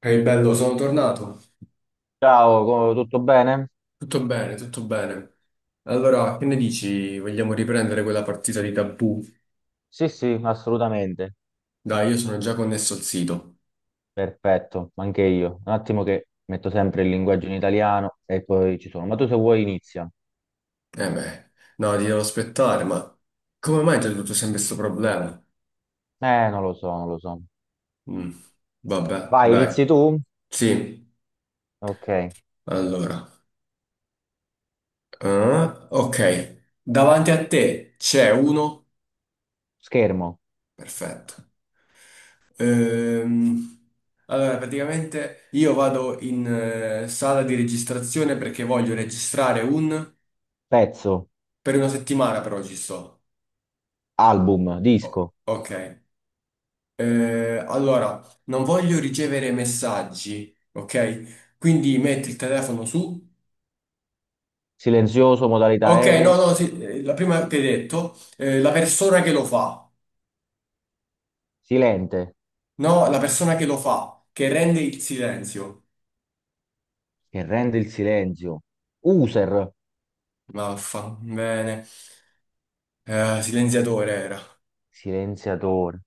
Ehi bello, sono tornato. Ciao, tutto bene? Tutto bene, tutto bene. Allora, che ne dici? Vogliamo riprendere quella partita di tabù? Sì, sì, assolutamente. Dai, io sono già connesso al sito. Perfetto, anche io. Un attimo che metto sempre il linguaggio in italiano e poi ci sono. Ma tu se vuoi inizia. Eh beh, no, ti devo aspettare, ma come mai c'è tutto sempre questo problema? Non lo so, non lo so. Mm, vabbè, Vai, dai. inizi tu? Sì, Ok. allora. Ah, ok, davanti a te c'è uno. Schermo, Perfetto. Ehm, allora, praticamente io vado in sala di registrazione perché voglio registrare un. pezzo, Per una settimana però ci sto. album, Oh, disco, ok. Allora, non voglio ricevere messaggi, ok? Quindi metti il telefono su. silenzioso, modalità Ok, no, aereo, no, sì, la prima che hai detto, la persona che lo fa. silente, No, la persona che lo fa, che rende il silenzio. che rende il silenzio, user, Maffa, bene. Silenziatore era. silenziatore,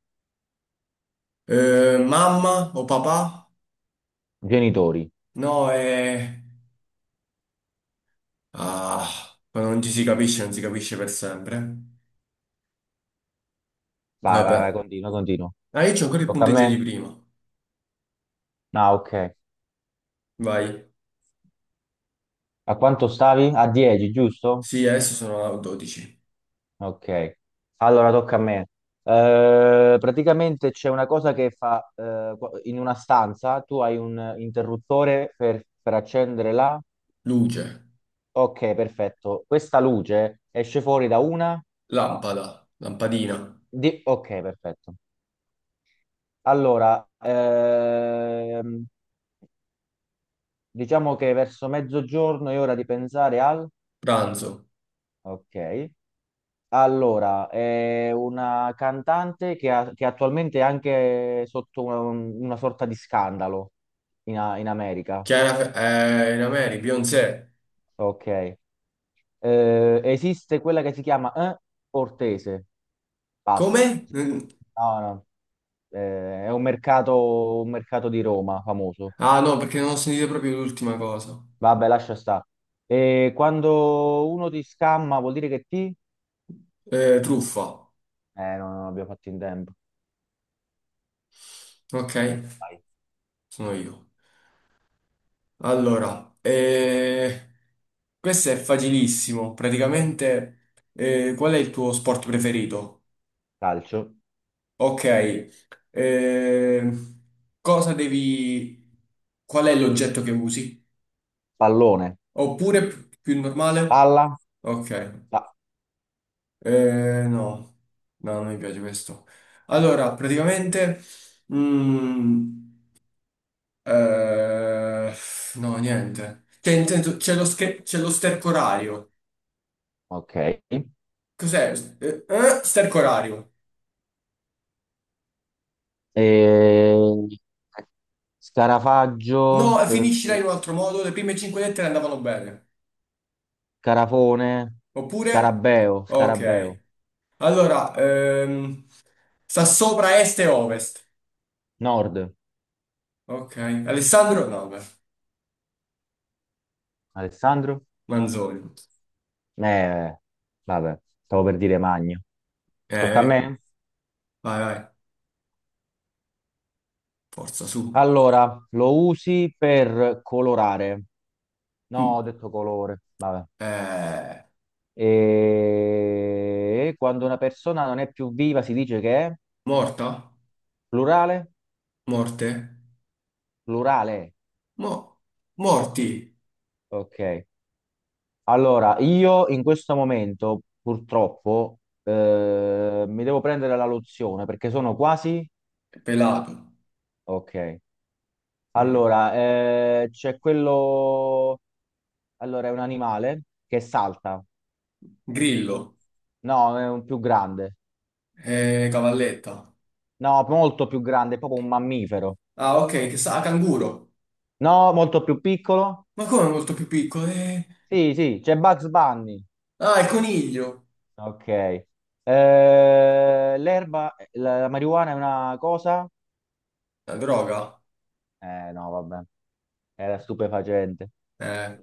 Mamma o papà? genitori. No. Ah, quando non ci si capisce, non si capisce per sempre. Vai, Vabbè. vai, vai, continua, continua. Ah, io c'ho ancora il Tocca a punteggio me? di prima. Ah, ok. Vai. A quanto stavi? A 10, giusto? Sì, adesso sono a 12. Ok. Allora tocca a me. Praticamente c'è una cosa che fa in una stanza, tu hai un interruttore per accendere la... Luce, Ok, perfetto. Questa luce esce fuori da una... lampada, lampadina, Ok, perfetto. Allora, diciamo che verso mezzogiorno è ora di pensare al... pranzo. Ok. Allora, è una cantante che attualmente è anche sotto una sorta di scandalo in America. Chiara Fe- in America, Beyoncé. Ok. Esiste quella che si chiama Ortese. Pass. Come? Mm. No, no. È un mercato di Roma famoso. Ah, no, perché non ho sentito proprio l'ultima cosa. Vabbè, lascia stare. E quando uno ti scamma vuol dire che ti... Truffa. No, non abbiamo fatto in tempo. Ok, Dai, sono io. Allora, questo è facilissimo. Praticamente, qual è il tuo sport preferito? calcio. Ok, eh, cosa devi. Qual è l'oggetto che usi? Pallone. Oppure più normale? Palla. Ok, Pa- no, no, non mi piace questo. Allora, praticamente, mm, eh, no, niente. Cioè, intendo, c'è lo sterco orario. ok. Cos'è? Sterco orario. E- Scarafaggio, No, finiscila in un altro modo, le prime cinque lettere andavano bene. Scarafone, Oppure? Scarabeo, Scarabeo, Ok. Allora, sta sopra est e ovest. Nord, Ok. Alessandro? No, beh, Alessandro? Manzoni. Eh, vabbè, stavo per dire Magno. Tocca a Eh, me? Vai, vai, forza, su. Allora, lo usi per colorare. No, ho Mm. detto colore, vabbè. Eh, E quando una persona non è più viva si dice che è Morta? plurale? Morte? Plurale, Mo- morti? ok. Allora, io in questo momento purtroppo mi devo prendere la lozione perché sono quasi... Pelato. Ok. Mm. Allora, c'è quello... Allora, è un animale che salta. Grillo? No, è un più grande. Cavalletta. No, molto più grande, è proprio un mammifero. Ah, ok, che sa, canguro. No, molto più piccolo. Ma come è molto più piccolo? Sì, sì, c'è Bugs Bunny. Ah, il coniglio. Ok. L'erba, la marijuana è una cosa? La droga. No, vabbè, era stupefacente. Eh,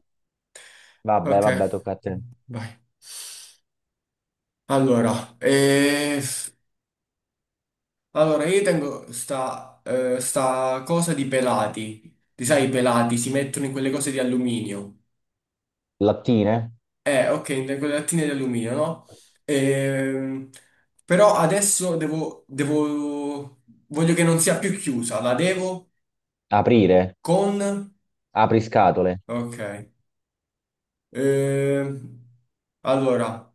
Vabbè, vabbè, ok. tocca a te. Vai. Allora, io tengo sta, sta cosa di pelati. Ti sai, i pelati si mettono in quelle cose di alluminio. Lattine? Ok, in quelle lattine di alluminio, no? Ehm, Però adesso devo. Voglio che non sia più chiusa. La devo Aprire? con. Apri scatole? Ok. Ehm, allora.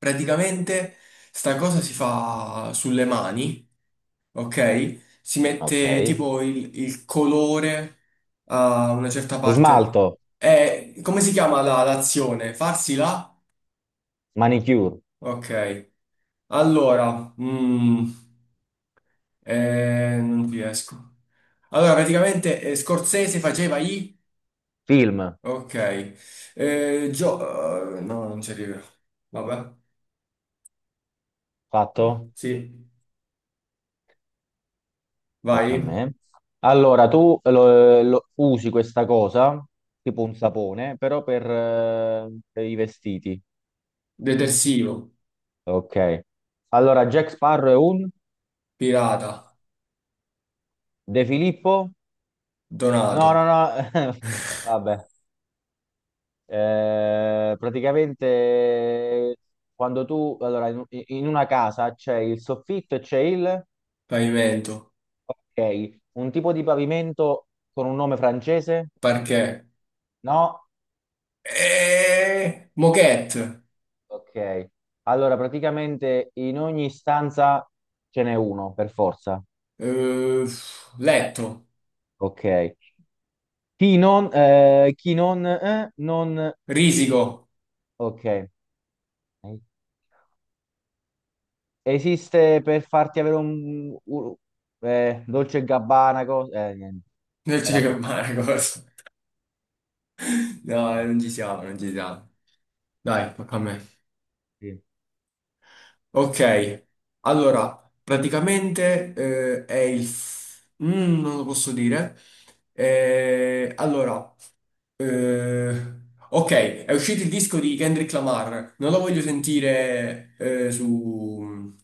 Praticamente sta cosa si fa sulle mani, ok? Si Ok. mette tipo il colore a una certa Smalto? parte. Come si chiama l'azione? Farsi la? Manicure? Ok. Allora, non riesco. Allora, praticamente Scorsese faceva i. Film? Ok. No, non ci arrivo. Vabbè. Fatto? Sì. Tocca a Vai. me. Allora, tu usi questa cosa, tipo un sapone, però per i vestiti. Detersivo. Ok. Allora, Jack Sparrow è un... Pirata. De Filippo? Donato, No, no, no. Vabbè. Praticamente quando tu, allora, in una casa c'è il soffitto e c'è il... pavimento, Ok, un tipo di pavimento con un nome francese? parquet, No? Moquette, Ok. Allora, praticamente in ogni stanza ce n'è uno, per forza. eh, letto, Ok. Chi non, non... risico. Ok. Esiste per farti avere Dolce e Gabbana, cosa... niente. Non ci Era credo, Marco. No, proprio... non ci siamo, non ci siamo. Dai, tocca a me. Sì. Ok, allora, praticamente è il. Non lo posso dire. Allora, eh, ok, è uscito il disco di Kendrick Lamar. Non lo voglio sentire su.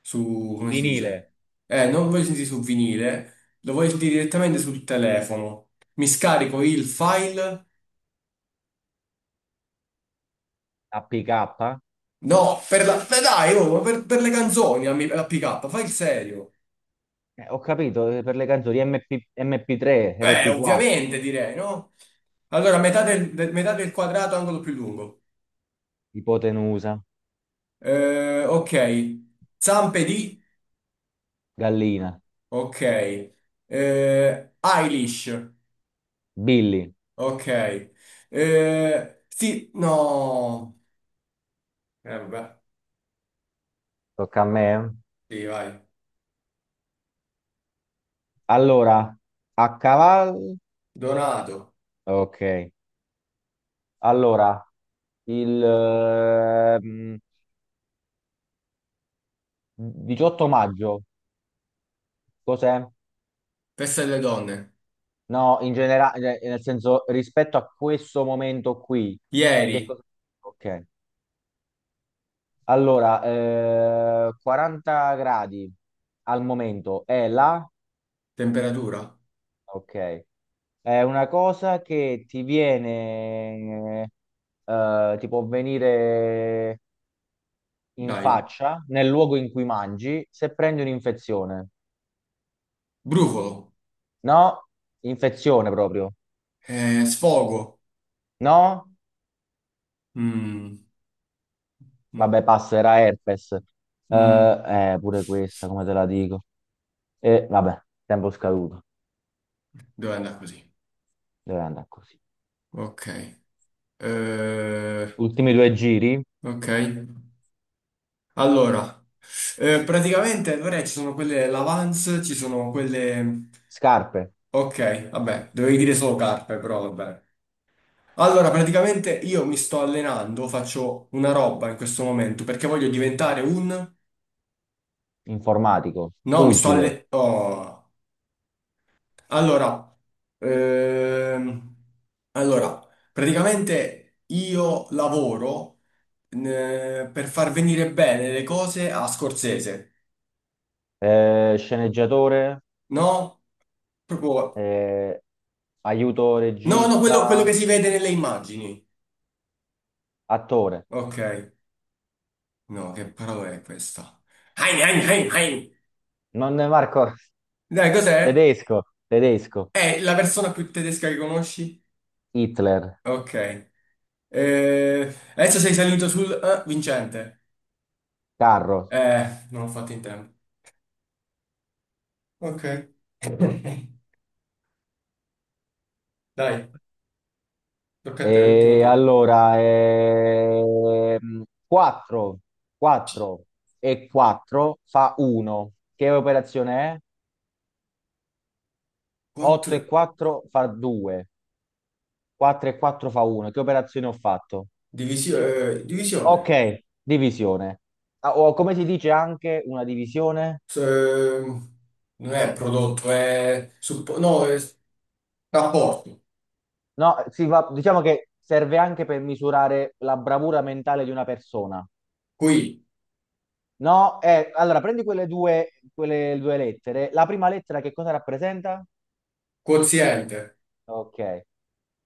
Su, come si Vinile. dice? Non voglio sentire su vinile, lo voglio sentire direttamente sul telefono. Mi scarico il file. APK, No, per la. Beh, dai, oh, ma per le canzoni, la PK, fai il serio. Ho capito, per le canzoni MP, MP3, MP4. Ovviamente direi, no? Allora, metà del quadrato, angolo più lungo. Ipotenusa. Ok. Zampe di. Gallina. Ok. Eilish. Billy. Ok. Sì, no. Vabbè. Tocca a me. Sì, vai. Allora, a cavallo, Donato. ok. Allora, il 18 maggio, cos'è? Testa delle donne. No, in generale, nel senso, rispetto a questo momento qui, che Ieri, cosa? Ok. Allora, 40 gradi al momento è la... temperatura. Ok, è una cosa che ti viene, ti può venire in Dai. faccia nel luogo in cui mangi se prendi un'infezione. Brufolo. No? Infezione proprio. Sfogo. No? Mm, mm, Vabbè, passa, era herpes. Eh, mm. Pure questa, come te la dico. E vabbè, tempo scaduto. Dove andare così? Deve andare così. Ok. Eh, Ultimi due giri. ok. Allora, praticamente allora, ci sono quelle Lavance, ci sono quelle. Scarpe, Ok, vabbè, dovevi dire solo carpe, però vabbè. Allora, praticamente io mi sto allenando, faccio una roba in questo momento perché voglio diventare un. informatico, No, mi sto pugile, allenando. Allora, ehm, allora, praticamente io lavoro per far venire bene le cose a Scorsese, sceneggiatore. no? Proprio. eh, Aiuto No, no, quello che regista, si vede nelle immagini. attore. Ok, no, che parola è questa? Hein, hein, hein, hein. Non Marco, Dai, cos'è? tedesco, tedesco, È la persona più tedesca che conosci? Hitler, Ok. Adesso sei salito sul vincente. carro. Non ho fatto in tempo. Ok. Dai, tocca a te, l'ultimo E turno. allora, 4, 4 e 4 fa 1. Che operazione è? 8 4. e 4 fa 2. 4 e 4 fa 1. Che operazione ho fatto? Divisione. Divisione. Ok, divisione. Ah, o come si dice anche una divisione? S- ehm, Non è prodotto, no, è rapporto. No, diciamo che serve anche per misurare la bravura mentale di una persona. Qui, No, allora prendi quelle due lettere. La prima lettera che cosa rappresenta? quoziente, Ok.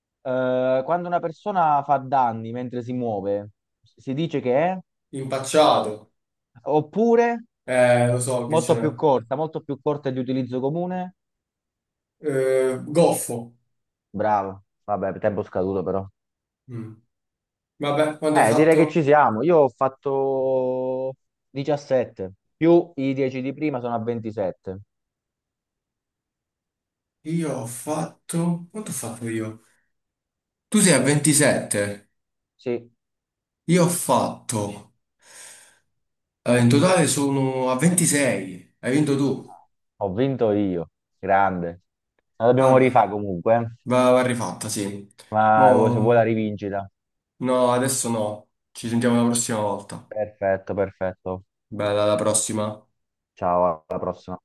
Quando una persona fa danni mentre si muove, si dice che è? impacciato. Oppure, Lo so che ce n'è. Molto più corta di utilizzo comune? Goffo. Bravo. Vabbè, tempo scaduto però. Mm. Vabbè, quanto hai Direi che ci fatto? siamo. Io ho fatto 17, più i 10 di prima sono a 27. Io ho fatto. Quanto ho fatto io? Tu sei a 27. Sì. Io ho fatto, in totale sono a 26. Hai vinto tu. Ho vinto io, grande. La dobbiamo Vabbè. rifare comunque, eh. Va rifatta, sì. Ma se vuoi la Mo. rivincita. No, adesso no. Ci sentiamo la prossima volta. Perfetto, perfetto. Bella, alla prossima. Ciao, alla prossima.